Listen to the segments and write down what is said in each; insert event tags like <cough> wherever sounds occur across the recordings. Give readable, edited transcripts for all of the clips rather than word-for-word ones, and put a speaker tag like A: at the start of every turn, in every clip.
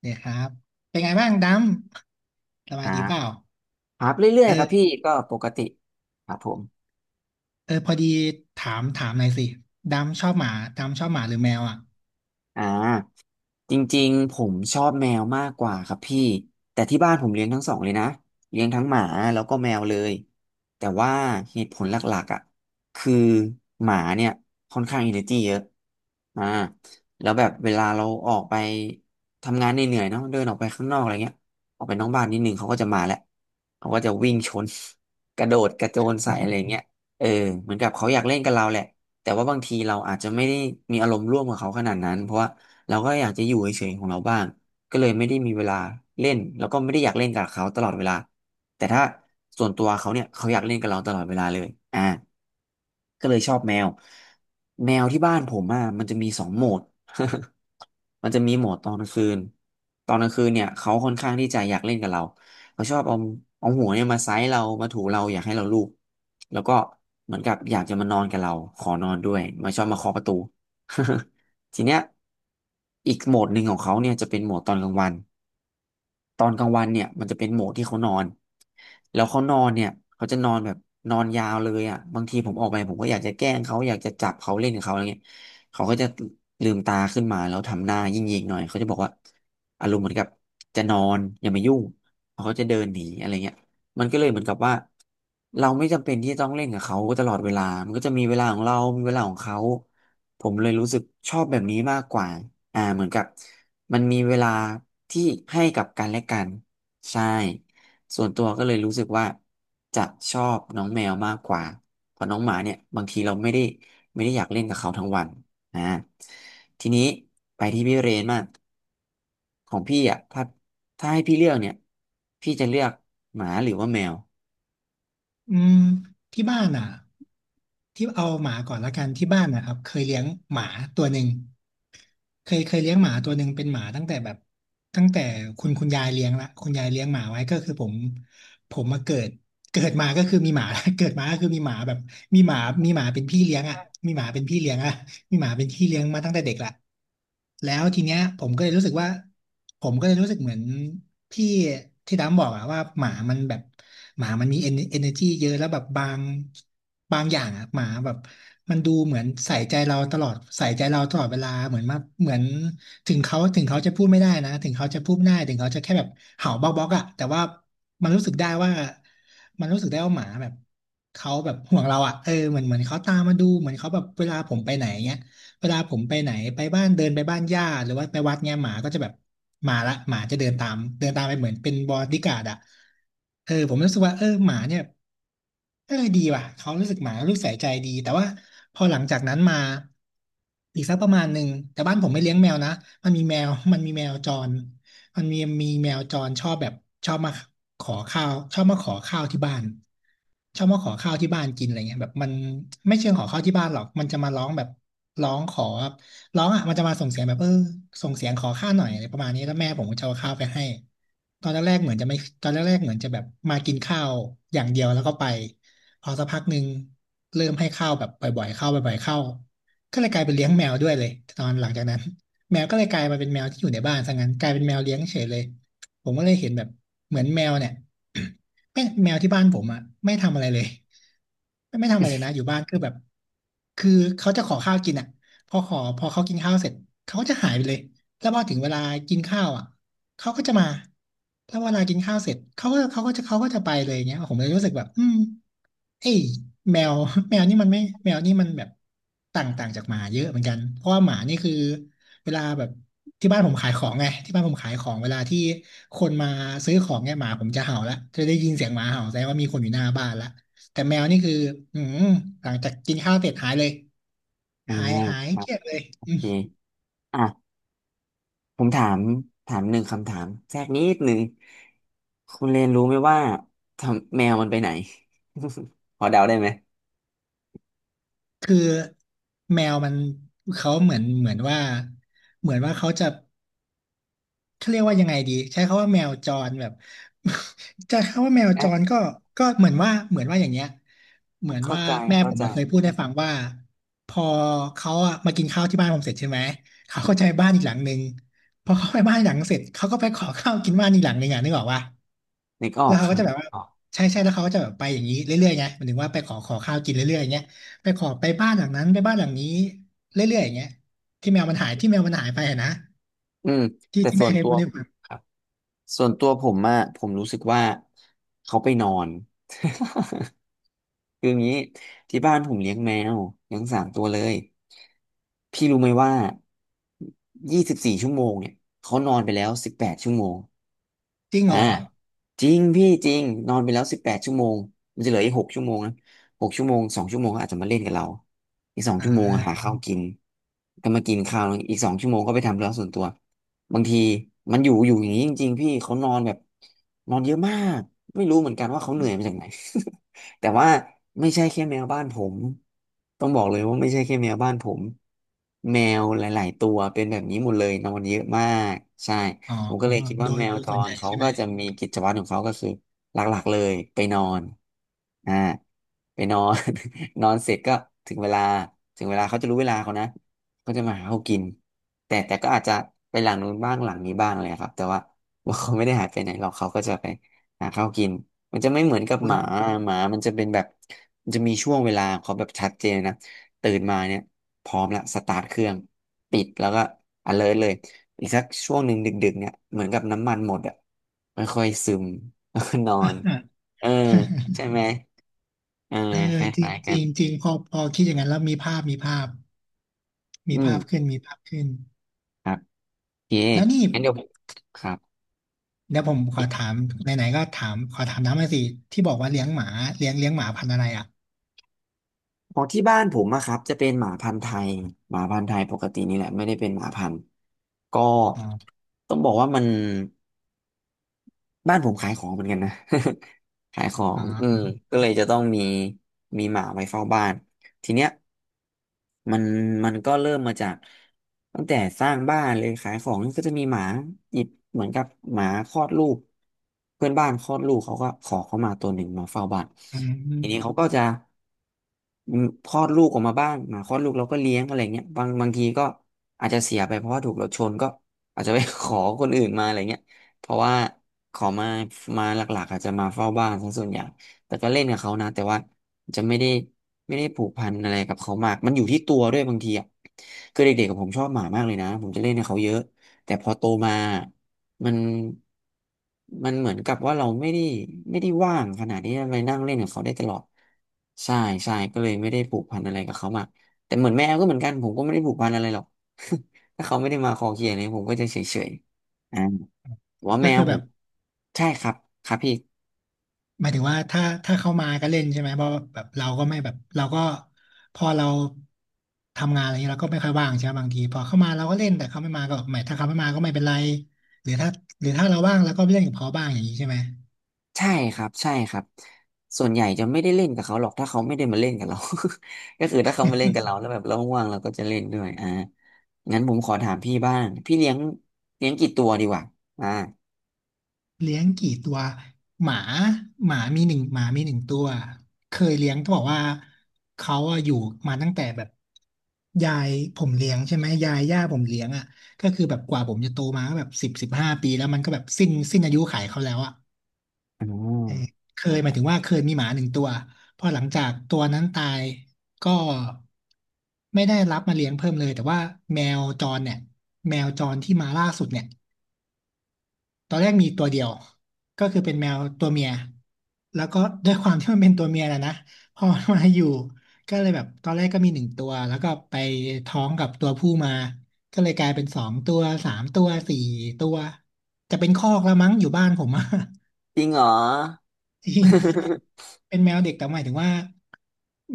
A: เดี๋ยวครับเป็นไงบ้างดำส
B: ค
A: บาย
B: รั
A: ดี
B: บ
A: เปล่า
B: ครับเรื่อ
A: เอ
B: ยๆ ครับ
A: อ
B: พี่ ก็ปกติครับผม
A: เออพอดีถามหน่อยสิดำชอบหมาดำชอบหมาหรือแมวอ่ะ
B: อ่าจริงๆผมชอบแมวมากกว่าครับพี่แต่ที่บ้านผมเลี้ยงทั้งสองเลยนะเลี้ยงทั้งหมาแล้วก็แมวเลยแต่ว่าเหตุผลหลักๆอ่ะคือหมาเนี่ยค่อนข้างอินเ r อร์เยอะอ่าแล้วแบบเวลาเราออกไปทำงานเหนื่อยๆเนาะเดินออกไปข้างนอกอะไรเงี้ยออกไปนอกบ้านนิดนึงเขาก็จะมาแหละเขาก็จะวิ่งชน <laughs> กระโดดกระโจนใส่อะไรเงี้ยเออเหมือนกับเขาอยากเล่นกับเราแหละ แต่ว่าบางทีเราอาจจะไม่ได้มีอารมณ์ร่วมกับเขาขนาดนั้นเพราะว่าเราก็อยากจะอยู่เฉยๆของเราบ้างก็เลยไม่ได้มีเวลาเล่นแล้วก็ไม่ได้อยากเล่นกับเขาตลอดเวลาแต่ถ้าส่วนตัวเขาเนี่ยเขาอยากเล่นกับเราตลอดเวลาเลยอ่าก็เลยชอบแมวแมวที่บ้านผมอ่ะมันจะมีสองโหมด <laughs> มันจะมีโหมดตอนกลางคืนตอนกลางคืนเนี่ยเขาค่อนข้างที่จะอยากเล่นกับเราเขาชอบเอาเอาหัวเนี่ยมาไซส์เรามาถูเราอยากให้เราลูบแล้วก็เหมือนกับอยากจะมานอนกับเราขอนอนด้วยมาชอบมาเคาะประตู <laughs> ทีเนี้ยอีกโหมดหนึ่งของเขาเนี่ยจะเป็นโหมดตอนกลางวัน ตอนกลางวันเนี่ยมันจะเป็นโหมดที่เขานอนแล้วเขานอนเนี่ยเขาจะนอนแบบนอนยาวเลยอ่ะบางทีผมออกไปผมก็อยากจะแกล้งเขาอยากจะจับเขาเล่นกับเขาอะไรเงี้ยเขาก็จะลืมตาขึ้นมาแล้วทำหน้ายิ่งๆหน่อยเขาจะบอกว่าอารมณ์เหมือนกับจะนอนอย่ามายุ่งเขาก็จะเดินหนีอะไรเงี้ยมันก็เลยเหมือนกับว่าเราไม่จำเป็นที่จะต้องเล่นกับเขาตลอดเวลามันก็จะมีเวลาของเรามีเวลาของเขาผมเลยรู้สึกชอบแบบนี้มากกว่าเหมือนกับ มันมีเวลาที่ให้กับกันและกันใช่ส่วนตัวก็เลยรู้สึกว่าจะชอบน้องแมวมากกว่าเพราะน้องหมาเนี่ยบางทีเราไม่ได้อยากเล่นกับเขาทั้งวันนะทีนี้ไปที่พี่เรนมากของพี่อ่ะถ้าให้พี่เลือกเนี่ยพี่จะเลือกหมาหรือว่าแมว
A: อืมที่บ้านอ่ะที่เอาหมาก่อนละกันที่บ้านนะครับเคยเลี้ยงหมาตัวหนึ่งเคยเลี้ยงหมาตัวหนึ่งเป็นหมาตั้งแต่แบบตั้งแต่คุณยายเลี้ยงละคุณยายเลี้ยงหมาไว้ก็คือผมผมมาเกิด เกิดมาก็คือมีหมา <laughs> เกิดมาก็คือมีหมาแบบมีหมามีหมาเป็นพี่เลี้ยงอ่ะมีหมาเป็นพี่เลี้ยงอ่ะมีหมาเป็นพี่เลี้ยงมาตั้งแต่เด็กละแล้วทีเนี้ยผมก็เลยรู้สึกว่าผมก็เลยรู้สึกเหมือนพี่ที่ดำบอกอะว่าหมามันแบบหมามันมีเอเนอร์จีเยอะแล้วแบบบางบางอย่างอะหมาแบบมันดูเหมือนใส่ใจเราตลอดเวลาเหมือนมาเหมือนถึงเขาจะพูดไม่ได้ถึงเขาจะแค่แบบเห่าบ๊อกบ๊อกอะแต่ว่ามันรู้สึกได้ว่า มันรู้สึกได้ว่าหมาแบบเขาแบบห่วงเราอ่ะเออเหมือนเขาตามมาดูเหมือนเขาแบบเวลาผมไปไหนเงี้ยเวลาผมไปไหนไปบ้านเดินไปบ้านญาติหรือว่าไปวัดเงี้ยหมาก็จะแบบมาละหมาจะเดินตามไปเหมือนเป็นบอดี้การ์ดอ่ะเออผมรู้สึกว่าเออหมาเนี่ยเออดีว่ะเขารู้สึกหมารู้สึกใส่ใจดีแต่ว่าพอหลังจากนั้นมาอีกสักประมาณหนึ่งแต่บ้านผมไม่เลี้ยงแมวนะมันมีแมวมันมีแมวจร มันมีมีแมวจรชอบแบบชอบมาขอข้าวชอบมาขอข้าวที่บ้านกินอะไรเงี้ยแบบมันไม่เชิงขอข้าวที่บ้านหรอกมันจะมาร้องแบบร้องขอแบบร้องอ่ะมันจะมาส่งเสียงแบบเออส่งเสียงขอข้าวหน่อยอะไรประมาณนี้แล้วแม่ผมก็จะเอาข้าวไปให้ตอนแรกๆเหมือนจะไม่ตอนแรกๆเหมือนจะแบบมากินข้าวอย่างเดียวแล้วก็ไปพอสักพักหนึ่งเริ่มให้ข้าวแบบบ่อยๆข้าวบ่อยๆข้าวก็เลยกลายเป็นเลี้ยงแมวด้วยเลยตอนหลังจากนั้น แมวก็เลยกลายมาเป็นแมวที่อยู่ในบ้านซะงั้นกลายเป็นแมวเลี้ยงเฉยเลยผมก็เลยเห็นแบบเหมือนแมวเนี่ย <coughs> แม่งแมวที่บ้านผมอ่ะไม่ทำอะไรเลยไม่ทำอะไรเลยนะอยู่บ้านคือแบบคือเขาจะขอข้าวกินอ่ะพอเขากินข้าวเสร็จเขาก็จะหายไปเลยแล้วพอถึงเวลากินข้าวอ่ะเขาก็จะมาแล้วเวลากินข้าวเสร็จเขาก็จะไปเลยอย่างเงี้ยผมเลยรู้สึกแบบอืมเอ้ยแมว <laughs> แมวนี่มันไม่แมวนี่มันแบบต่างต่างจากหมาเยอะเหมือนกันเพราะว่าหมานี่คือ เวลาแบบที่บ้านผมขายของไงที่บ้านผมขายของเวลาที่คนมาซื้อของเนี่ยหมาผมจะเห่าละจะได้ยินเสียงหมาเห่าแสดงว่ามีคนอยู่หน้าบ้านละแต่แมวนี่คืออืมหลังจากกินข้าวเสร็จหายเลย
B: อ่า
A: หาย
B: ครั
A: เก
B: บ
A: ลียดเลย
B: โอเค ผมถามหนึ่งคำถามแทรกนิดหนึ่งคุณเรนรู้ไหมว่าทำแมวมันไปไหน <laughs> พอเดาได้ไหม
A: คือแมวมันเขาเหมือนว่าเขาจะ เขาเรียกว่ายังไงดีใช้คำว่าแมวจรแบบ <laughs> จะคำว่าแมวจร
B: อ่ะ
A: ก็ก็เหมือนว่าอย่างเงี้ยเหมือน
B: เข้า
A: ว่า
B: ใจ
A: แม่
B: เข้า
A: ผม
B: ใจ
A: มาเคยพูดให้ฟังว่าพอเขาอะมากินข้าวที่บ้านผมเสร็จใช่ไหมเขาก็จะไปบ้านอีกหลังนึงพอเขาไปบ้านอีกหลังเสร็จเขาก็ไปขอข้าวกินบ้านอีกหลังนึงอ่ะนึกออกว่า
B: นึกออ
A: แล้
B: ก
A: วเขา
B: ค
A: ก็
B: รับ
A: จะแบบว่า
B: ออก
A: ใช่ใช่แล้วเขาก็จะแบบไปอย่างนี้เรื่อยๆไงหมายถึงว่าไปขอข้าวกินเรื่อยๆอย่างเงี้ยไปขอไปบ้านหลังนั้นไปบ้านหลังนี้เรื่อยๆอย่างเงี้ยที่แมวมันหายไปอะนะ
B: อืมแต่
A: ที่
B: ส่
A: แม่
B: วน
A: เคย
B: ตัว
A: พูดให้ฟัง
B: ครับส่วนตัวผมอะผมรู้สึกว่าเขาไปนอน <laughs> คืออย่างนี้ที่บ้านผมเลี้ยงแมวเลี้ยงสามตัวเลยพี่รู้ไหมว่า24 ชั่วโมงเนี่ยเขานอนไปแล้วสิบแปดชั่วโมง
A: จริงเห
B: อ่า
A: รอ
B: จริงพี่จริงนอนไปแล้วสิบแปดชั่วโมงมันจะเหลืออีกหกชั่วโมงนะหกชั่วโมงสองชั่วโมงเขาอาจจะมาเล่นกับเราอีกสอง
A: อ่
B: ชั่วโมงอะหา
A: า
B: ข้าวกินก็มากินข้าวอีกสองชั่วโมงก็ไปทำเรื่องส่วนตัวบางทีมันอยู่อย่างนี้จริงๆพี่เขานอนแบบนอนเยอะมากไม่รู้เหมือนกันว่าเขาเหนื่อยมาจากไหน <laughs> แต่ว่าไม่ใช่แค่แมวบ้านผมต้องบอกเลยว่าไม่ใช่แค่แมวบ้านผมแมวหลายๆตัวเป็นแบบนี้หมดเลยนอนเยอะมากใช่
A: อ๋อ
B: ผมก็เลยคิดว่าแมว
A: โดย
B: จ
A: ส่วนให
B: ร
A: ญ่
B: เขา
A: ใช่ไหม
B: ก็จะมีกิจวัตรของเขาก็คือหลักๆเลยไปนอนอ่าไปนอน <laughs> นอนเสร็จก็ถึงเวลา ถึงเวลาเขาจะรู้เวลาเขานะเขาจะมาหาเขากิน แต่ก็อาจจะไปหลังนู้นบ้างหลังนี้บ้างเลยครับแต่ว่า <laughs> ว่าเขาไม่ได้หายไปไหนหรอกเขาก็จะไปหาข้าวกิน มันจะไม่เหมือนกับ
A: คุ
B: ห
A: ณ
B: มาหมามันจะเป็นแบบมันจะมีช่วงเวลาของเขาแบบชัดเจนนะตื่นมาเนี่ยพร้อมละสตาร์ทเครื่องปิดแล้วก็ alert เลย อีกสักช่วงหนึ่งดึกๆเนี่ยเหมือนกับน้ำมันหมดอ่ะมันค่อยซึม <laughs> แล้วก็นอน
A: <coughs>
B: เออใช่ไหมเออ
A: เออ
B: ค
A: จริ
B: ล้า
A: ง
B: ยๆ
A: จ
B: กัน
A: ริงจริงพอพอคิดอย่างนั้นแล้วมีภาพ
B: อืม
A: มีภาพขึ้น
B: ครับโอเค
A: แล้วนี่
B: งั้นเดี๋ยวผมครับ
A: เดี๋ยวผมขอถามไหนๆก็ถามขอถามน้ำมาสิที่บอกว่าเลี้ยงหมาเลี้ยงหมาพันธุ์อะไรอ่ะ
B: ของที่บ้านผมอะครับจะเป็นหมาพันธุ์ไทยหมาพันธุ์ไทยปกตินี่แหละไม่ได้เป็นหมาพันธุ์ก็
A: อ๋อ
B: ต้องบอกว่าบ้านผมขายของเหมือนกันนะ <laughs> ขายขอ
A: อ๋
B: ง
A: อ
B: ก็เลยจะต้องมีมีหมาไว้เฝ้าบ้านทีเนี้ย มันมันก็เริ่มมาจากตั้งแต่สร้างบ้านเลยขายของก็จะมีหมาหยิบเหมือนกับหมาคลอดลูกเพื่อนบ้านคลอดลูกเขาก็ขอเข้ามาตัวหนึ่งมาเฝ้าบ้าน
A: อื
B: ทีนี้
A: ม
B: เขาก็จะคลอดลูกออกมาบ้างหมาคลอดลูกเราก็เลี้ยงอะไรเงี้ยบางทีก็อาจจะเสียไปเพราะว่าถูกรถชนก็อาจจะไป <laughs> ขอคนอื่นมาอะไรเงี้ยเพราะว่าขอมามาหลักๆอาจจะมาเฝ้าบ้านซะส่วนใหญ่ แต่ก็เล่นกับเขานะแต่ว่าจะไม่ได้ผูกพันอะไรกับเขามากมันอยู่ที่ตัวด้วยบางทีอ่ะคือเด็กๆกับผมชอบหมามากเลยนะผมจะเล่นกับเขาเยอะแต่พอโตมามันมันเหมือนกับว่าเราไม่ได้ว่างขนาดที่จะไปนั่งเล่นกับเขาได้ตลอดใช่ใช่ก็เลยไม่ได้ผูกพันอะไรกับเขามากแต่เหมือนแมวก็เหมือนกันผมก็ไม่ได้ผูกพันอะไรหรอก <laughs> ถ้าเขาไม่ได้มาคอเคลียร์เลยผมก็จะเฉยๆอ่าแต่ว่า
A: ก็
B: แมว
A: คือ
B: ผ
A: แบ
B: ม
A: บ
B: ใช่ครับครับพี่
A: หมายถึงว่าถ้าเขามาก็เล่นใช่ไหมเพราะแบบเราก็ไม่แบบเราก็พอเราทำงานอะไรเงี้ยเราก็ไม่ค่อยว่างใช่ไหมบางทีพอเข้ามาเราก็เล่นแต่เขาไม่มาก็หมายถ้าเขาไม่มาก็ไม่เป็นไรหรือถ้าเราว่างเราก็ไปเล่นกับเขาบ้างอย่างนี้ใช่ไหม
B: ใช่ครับใช่ครับส่วนใหญ่จะไม่ได้เล่นกับเขาหรอกถ้าเขาไม่ได้มาเล่นกับเรา <laughs> ก็คือถ้าเขามาเล่นกับเราแล้วแบบเราว่างๆเราก็จะเล่นด้วยอ่างั้นผมขอถามพี่บ้างพี่เลี้ยงกี่ตัวดีกว่าอ่า
A: เลี้ยงกี่ตัวหมาหมามีหนึ่งตัวเคยเลี้ยงบอกว่าเขาอะอยู่มาตั้งแต่แบบยายผมเลี้ยงใช่ไหมยายย่าผมเลี้ยงอ่ะก็คือแบบกว่าผมจะโตมาก็แบบ15 ปีแล้วมันก็แบบสิ้นอายุขัยเขาแล้วอะ
B: อ๋
A: เออ
B: อ
A: เค
B: ค
A: ย
B: รั
A: หมายถึ
B: บ
A: งว่าเคยมีหมาหนึ่งตัวพอหลังจากตัวนั้นตายก็ไม่ได้รับมาเลี้ยงเพิ่มเลยแต่ว่าแมวจรเนี่ยแมวจรที่มาล่าสุดเนี่ยตอนแรกมีตัวเดียวก็คือเป็นแมวตัวเมียแล้วก็ด้วยความที่มันเป็นตัวเมียนะนะพอมันมาอยู่ก็เลยแบบตอนแรกก็มีหนึ่งตัวแล้วก็ไปท้องกับตัวผู้มาก็เลยกลายเป็นสองตัวสามตัวสี่ตัวจะเป็นคอกแล้วมั้งอยู่บ้านผมอะ
B: จริงเหรอ
A: <laughs> จริง เป็นแมวเด็กแต่หมายถึงว่า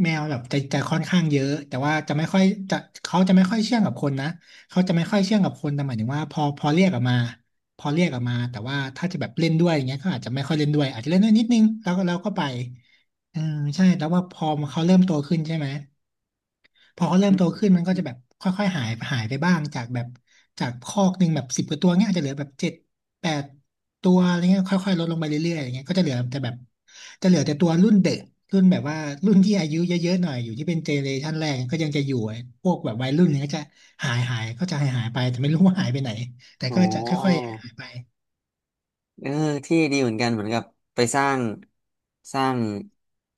A: แมวแบบจะค่อนข้างเยอะแต่ว่าจะไม่ค่อยจะเขาจะไม่ค่อยเชื่องกับคนนะเขาจะไม่ค่อยเชื่องกับคนแต่หมายถึงว่าพอเรียกออกมาพอเรียกออกมาแต่ว่าถ้าจะแบบเล่นด้วยอย่างเงี้ยก็อาจจะไม่ค่อยเล่นด้วยอาจจะเล่นด้วยนิดนึงแล้วก็ไปอืมใช่แล้วว่าพอเขาเริ่มโตขึ้นใช่ไหม พอเขาเริ่มโต
B: <laughs>
A: ขึ้นมันก็จะแบบค่อยๆหายไปบ้างจากแบบจากคอกหนึ่งแบบสิบกว่าตัวเงี้ยอาจจะเหลือแบบเจ็ดแปดตัวอะไรเงี้ยค่อยๆลดลงไปเรื่อยๆอย่างเงี้ยก็จะเหลือแต่แบบจะเหลือแต่ตัวรุ่นเด็กรุ่นแบบว่ารุ่นที่อายุเยอะๆหน่อยอยู่ที่เป็นเจเนเรชันแรกก็ยังจะอยู่พวกแบบวัยรุ่นเนี่ยก็จะหายไปแต่ไม่รู้ว่าหายไปไหนแต่
B: โอ้
A: ก็จะค่อยๆหายไป
B: เออเที่ดีเหมือนกันเหมือนกับไปสร้างสร้าง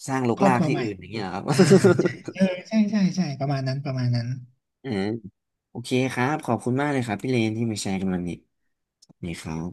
B: สร้างรก
A: ครอบ
B: รา
A: ค
B: ก
A: รัว
B: ที่
A: ใหม่
B: อื่นอย่างเงี้ยเหรอครับ
A: อ่าใช่เออ
B: <laughs>
A: ใช่ใช่ใช่ประมาณนั้นประมาณนั้น
B: อืมโอเคครับขอบคุณมากเลยครับพี่เลนที่มาแชร์กันวันนี้นี่ครับ